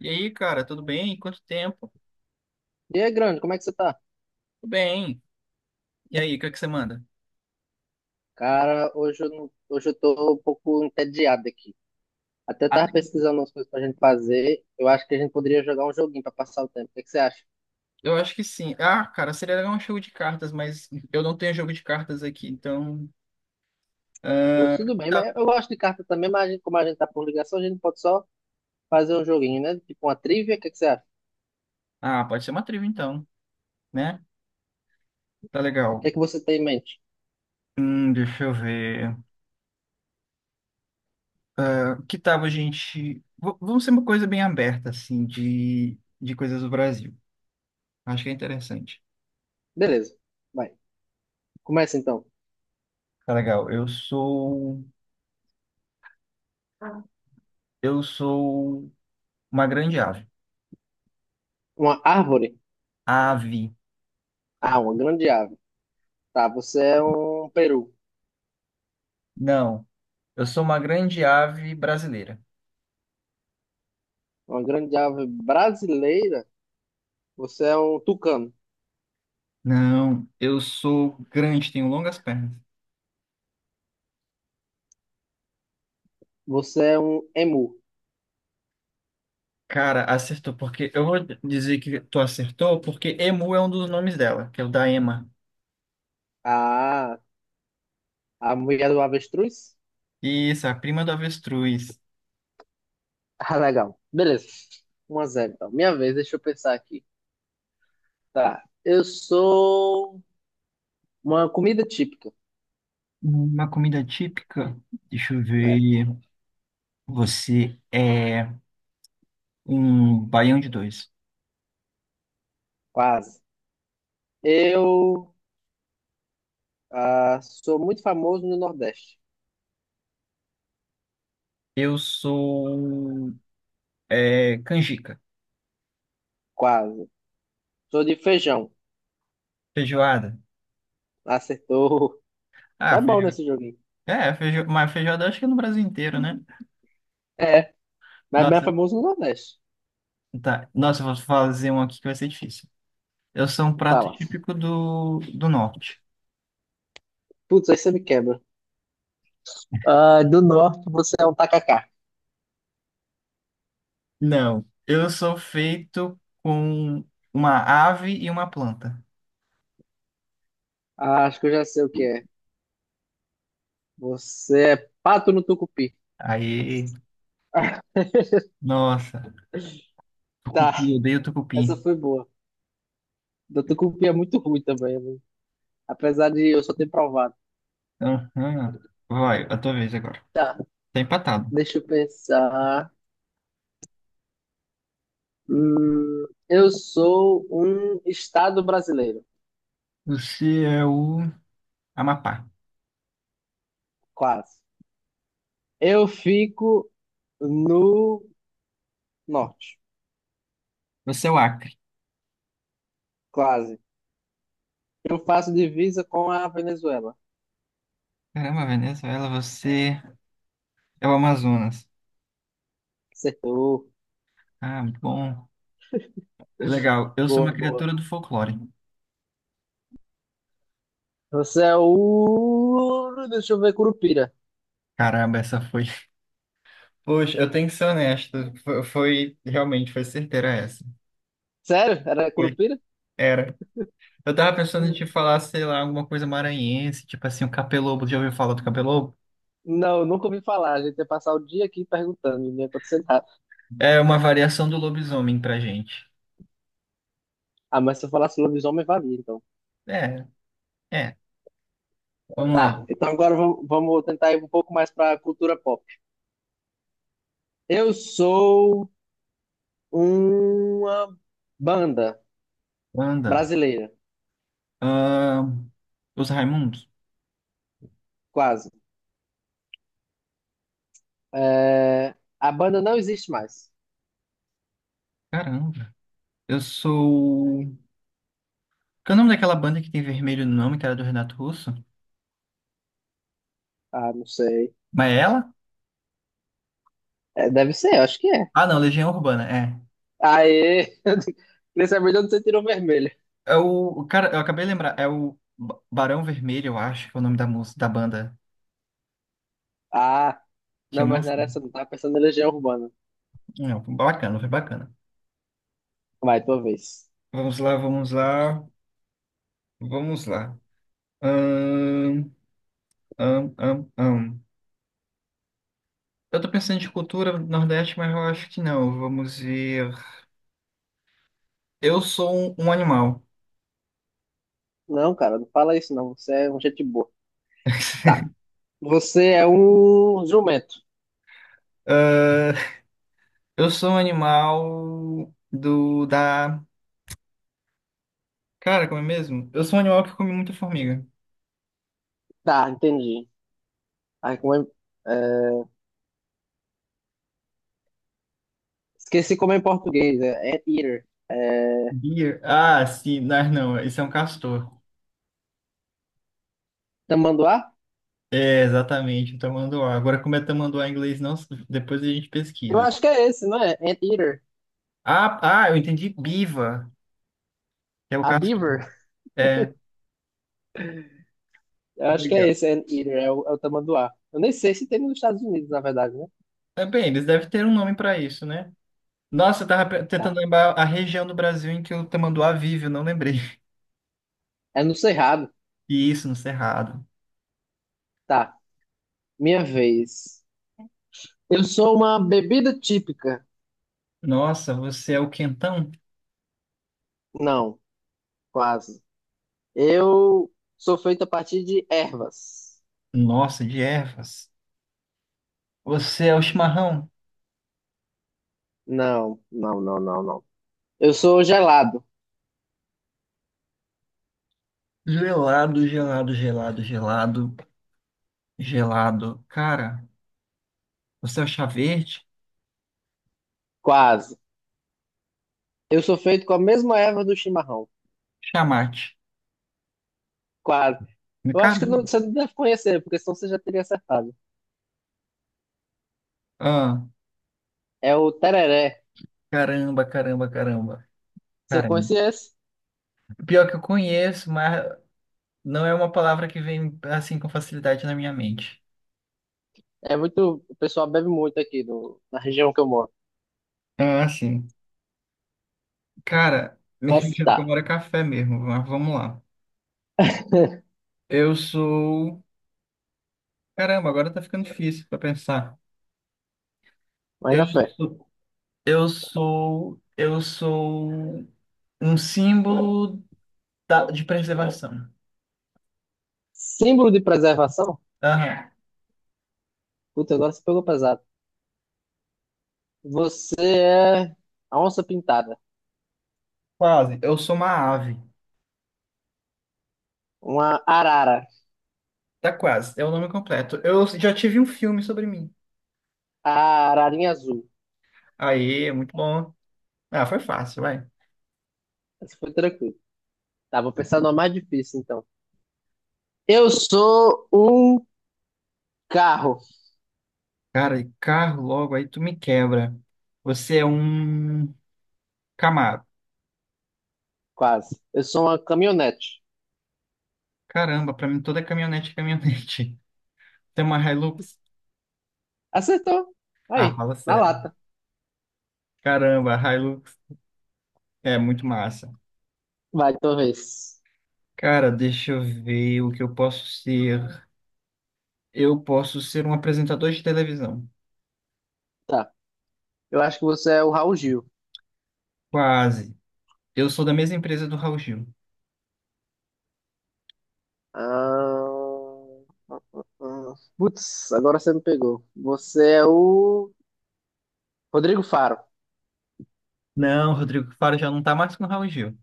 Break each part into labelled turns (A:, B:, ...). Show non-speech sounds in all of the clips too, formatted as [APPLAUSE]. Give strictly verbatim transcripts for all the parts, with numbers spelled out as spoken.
A: E aí, cara, tudo bem? Quanto tempo?
B: E aí, grande, como é que você tá?
A: Tudo bem. E aí, o que é que você manda?
B: Cara, hoje eu, não- hoje eu tô um pouco entediado aqui. Até tava
A: Até-
B: pesquisando umas coisas pra gente fazer. Eu acho que a gente poderia jogar um joguinho pra passar o tempo. O que é que você acha?
A: Eu acho que sim. Ah, cara, seria legal um jogo de cartas, mas eu não tenho jogo de cartas aqui, então.
B: Pô,
A: Ah,
B: tudo bem,
A: tá.
B: mas eu gosto de carta também, mas a gente, como a gente tá por ligação, a gente pode só fazer um joguinho, né? Tipo uma trivia, o que é que você acha?
A: Ah, pode ser uma trilha então, né? Tá
B: O que
A: legal.
B: é que você tem em mente?
A: Hum, deixa eu ver. Que tal a gente. v- Vamos ser uma coisa bem aberta, assim, de, de coisas do Brasil. Acho que é interessante.
B: Beleza, vai. Começa então.
A: Tá legal. Eu sou. Eu sou uma grande ave.
B: Uma árvore?
A: Ave.
B: Ah, uma grande ave. Tá, você é um peru.
A: Não. Eu sou uma grande ave brasileira.
B: Uma grande ave brasileira? Você é um tucano.
A: Não, eu sou grande, tenho longas pernas.
B: Você é um emu.
A: Cara, acertou, porque eu vou dizer que tu acertou, porque Emu é um dos nomes dela, que é o da Ema.
B: Ah, a mulher do avestruz?
A: Isso, a prima do avestruz.
B: Ah, legal. Beleza. Um a zero, então. Minha vez, deixa eu pensar aqui. Tá. Eu sou uma comida típica.
A: Uma comida típica. Deixa eu
B: É,
A: ver. Você é um baião de dois.
B: quase. Eu ah, sou muito famoso no Nordeste.
A: Eu sou é, canjica,
B: Quase. Sou de feijão.
A: feijoada.
B: Acertou.
A: Ah,
B: Tá bom
A: feijoada.
B: nesse joguinho.
A: É, feijo... mas feijoada acho que é no Brasil inteiro, né?
B: É, mas bem
A: Nossa.
B: famoso no Nordeste.
A: Tá. Nossa, eu vou fazer um aqui que vai ser difícil. Eu sou um prato
B: Fala.
A: típico do, do norte.
B: Putz, aí você me quebra. Ah, do Norte, você é um tacacá.
A: Não. Eu sou feito com uma ave e uma planta.
B: Ah, acho que eu já sei o que é. Você é pato no tucupi.
A: Aí,
B: [LAUGHS]
A: nossa.
B: Tá,
A: Tucupi, eu odeio tucupi.
B: essa foi boa. Da tucupi é muito ruim também, né? Apesar de eu só ter provado.
A: Aham. Vai, a tua vez agora.
B: Tá,
A: Tá empatado.
B: deixa eu pensar. Hum, eu sou um estado brasileiro,
A: Você é o Amapá.
B: quase. Eu fico no norte,
A: Você é o Acre.
B: quase. Eu faço divisa com a Venezuela.
A: Caramba, Venezuela, você é o Amazonas.
B: Acertou.
A: Ah, muito bom. Legal. Eu sou uma
B: Boa, boa.
A: criatura do folclore.
B: Você é o. Deixa eu ver, Curupira.
A: Caramba, essa foi. Poxa, eu tenho que ser honesto. Foi, foi- realmente, foi certeira essa.
B: Sério? Era
A: Foi.
B: Curupira?
A: Era. Eu tava pensando em te
B: Hum.
A: falar, sei lá, alguma coisa maranhense, tipo assim, o capelobo. Já ouviu falar do capelobo?
B: Não, nunca ouvi falar. A gente ia passar o dia aqui perguntando, e não ia acontecer nada.
A: É uma variação do lobisomem pra gente.
B: Ah, mas se eu falasse lobisomem, valia, então.
A: É, é. Vamos lá.
B: Tá, então agora vam- vamos tentar ir um pouco mais para a cultura pop. Eu sou uma banda
A: Anda.
B: brasileira,
A: Ahn, os Raimundos?
B: quase. É, a banda não existe mais.
A: Caramba. Eu sou. Qual é o nome daquela banda que tem vermelho no nome, que era do Renato Russo?
B: Ah, não sei.
A: Mas é ela?
B: É, deve ser, eu acho que é.
A: Ah, não, Legião Urbana, é.
B: Aê! [LAUGHS] Queria saber de onde você tirou vermelho.
A: É o, cara, eu acabei de lembrar, é o Ba- Barão Vermelho, eu acho, que é o nome da música, da banda.
B: Ah,
A: Tinha
B: não,
A: uma.
B: mas não era
A: Assim.
B: essa, não. Tava pensando em Legião Urbana.
A: Não, foi bacana, foi bacana.
B: Vai, tua vez.
A: Vamos lá, vamos lá, vamos lá. Ahn, ahn, ahn, ahn. Eu tô pensando de cultura Nordeste, mas eu acho que não. Vamos ver. Eu sou um, um animal.
B: Não, cara, não fala isso, não. Você é um gente boa. Tá,
A: [LAUGHS]
B: você é um jumento.
A: Ah, eu sou um animal do, da. Cara, como é mesmo? Eu sou um animal que come muita formiga.
B: Tá, entendi. Ai, como é, é, esqueci como é em português, é Anteater. É,
A: Deer? Ah, sim, mas não, esse é um castor.
B: tamanduá?
A: É, exatamente, o tamanduá. Agora, como é tamanduá em inglês, não, depois a gente
B: Eu
A: pesquisa.
B: acho que é esse, não é? Anteater.
A: Ah, ah, eu entendi biva, que é o
B: A
A: castor.
B: Beaver?
A: É,
B: Eu acho que é
A: legal.
B: esse, Anteater, é o, é o tamanduá. Eu nem sei se tem nos Estados Unidos, na verdade, né?
A: É, bem, eles devem ter um nome para isso, né? Nossa, eu tava pe- tentando
B: Tá.
A: lembrar a região do Brasil em que o tamanduá vive, eu não lembrei. [LAUGHS]
B: É no Cerrado.
A: E isso, no Cerrado.
B: Tá. Minha vez. Eu sou uma bebida típica.
A: Nossa, você é o quentão?
B: Não, quase. Eu sou feito a partir de ervas.
A: Nossa, de ervas. Você é o chimarrão?
B: Não, não, não, não, não. Eu sou gelado.
A: Gelado, gelado, gelado, gelado, gelado. Cara, você é o chá verde?
B: Quase. Eu sou feito com a mesma erva do chimarrão.
A: Chamate.
B: Quase. Eu
A: Nunca
B: acho que não, você não deve conhecer, porque senão você já teria acertado.
A: vi.
B: É o tereré.
A: Caramba, caramba, caramba.
B: Você
A: Caramba.
B: conhece esse?
A: Pior que eu conheço, mas não é uma palavra que vem assim com facilidade na minha mente.
B: É muito. O pessoal bebe muito aqui no, na região que eu moro.
A: Ah, sim. Cara, [LAUGHS] me
B: Mas
A: que eu
B: tá.
A: moro é café mesmo, mas vamos lá.
B: [LAUGHS]
A: Eu sou. Caramba, agora tá ficando difícil pra pensar.
B: Mas
A: Eu
B: na fé.
A: sou. Eu sou. Eu sou um símbolo da- de preservação.
B: Símbolo de preservação?
A: Aham.
B: Puta, agora você pegou pesado. Você é a onça pintada.
A: Quase. Eu sou uma ave.
B: Uma arara.
A: Tá quase. É o nome completo. Eu já tive um filme sobre mim.
B: A ararinha azul.
A: Aí, é muito bom. Ah, foi fácil, vai.
B: Essa foi tranquilo. Tá, vou pensar numa mais difícil, então. Eu sou um carro.
A: Cara, e carro logo aí tu me quebra. Você é um Camaro.
B: Quase. Eu sou uma caminhonete.
A: Caramba, pra mim toda caminhonete é caminhonete. [LAUGHS] Tem uma Hilux?
B: Acertou.
A: Ah,
B: Aí,
A: fala
B: na
A: sério.
B: lata.
A: Caramba, a Hilux é muito massa.
B: Vai, tua.
A: Cara, deixa eu ver o que eu posso ser. Eu posso ser um apresentador de televisão.
B: Tá. Eu acho que você é o Raul Gil.
A: Quase. Eu sou da mesma empresa do Raul Gil.
B: Ah, ah, putz, agora você me pegou. Você é o Rodrigo Faro. [LAUGHS]
A: Não, Rodrigo Faro já não tá mais com o Raul Gil.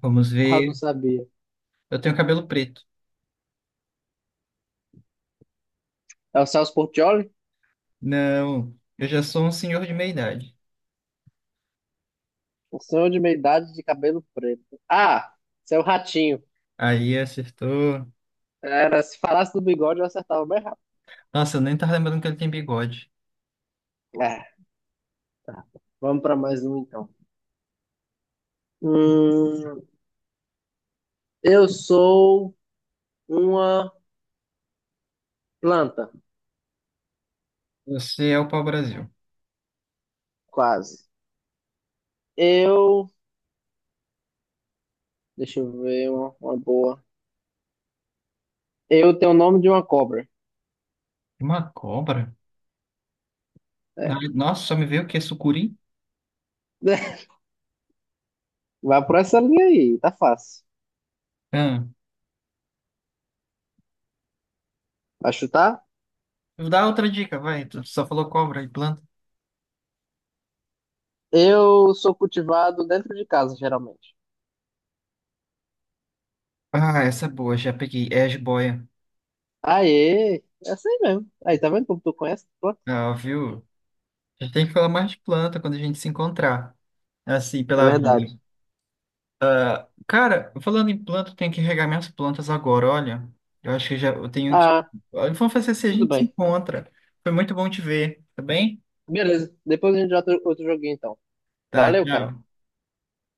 A: Vamos
B: Ah, eu não
A: ver.
B: sabia.
A: Eu tenho cabelo preto.
B: É o Celso Portiolli?
A: Não, eu já sou um senhor de meia idade.
B: Um senhor de meia idade de cabelo preto. Ah, você é o Ratinho.
A: Aí acertou.
B: Era, se falasse do bigode, eu acertava bem rápido.
A: Nossa, eu nem tava lembrando que ele tem bigode.
B: É, vamos para mais um então. Hum, eu sou uma planta,
A: Você é o pau-brasil.
B: quase. Eu. Deixa eu ver uma, uma boa. Eu tenho o nome de uma cobra.
A: Uma cobra? Ah,
B: É,
A: nossa, só me veio o quê? Sucuri?
B: [LAUGHS] vai por essa linha aí, tá fácil.
A: Ah,
B: Vai chutar?
A: dá outra dica, vai. Tu só falou cobra e planta.
B: Eu sou cultivado dentro de casa, geralmente.
A: Ah, essa é boa, já peguei. É a jiboia.
B: Aê, é assim mesmo. Aí, tá vendo como tu conhece? Pô,
A: Ah, viu? A gente tem que falar mais de planta quando a gente se encontrar. Assim,
B: é
A: pela
B: verdade.
A: vida. Ah, cara, falando em planta, eu tenho que regar minhas plantas agora, olha. Eu acho que já eu tenho que.
B: Ah,
A: Olha, vamos fazer se a
B: tudo
A: gente se
B: bem.
A: encontra. Foi muito bom te ver, tá bem?
B: Beleza, depois a gente joga outro outro joguinho então.
A: Tá,
B: Valeu, cara.
A: tchau.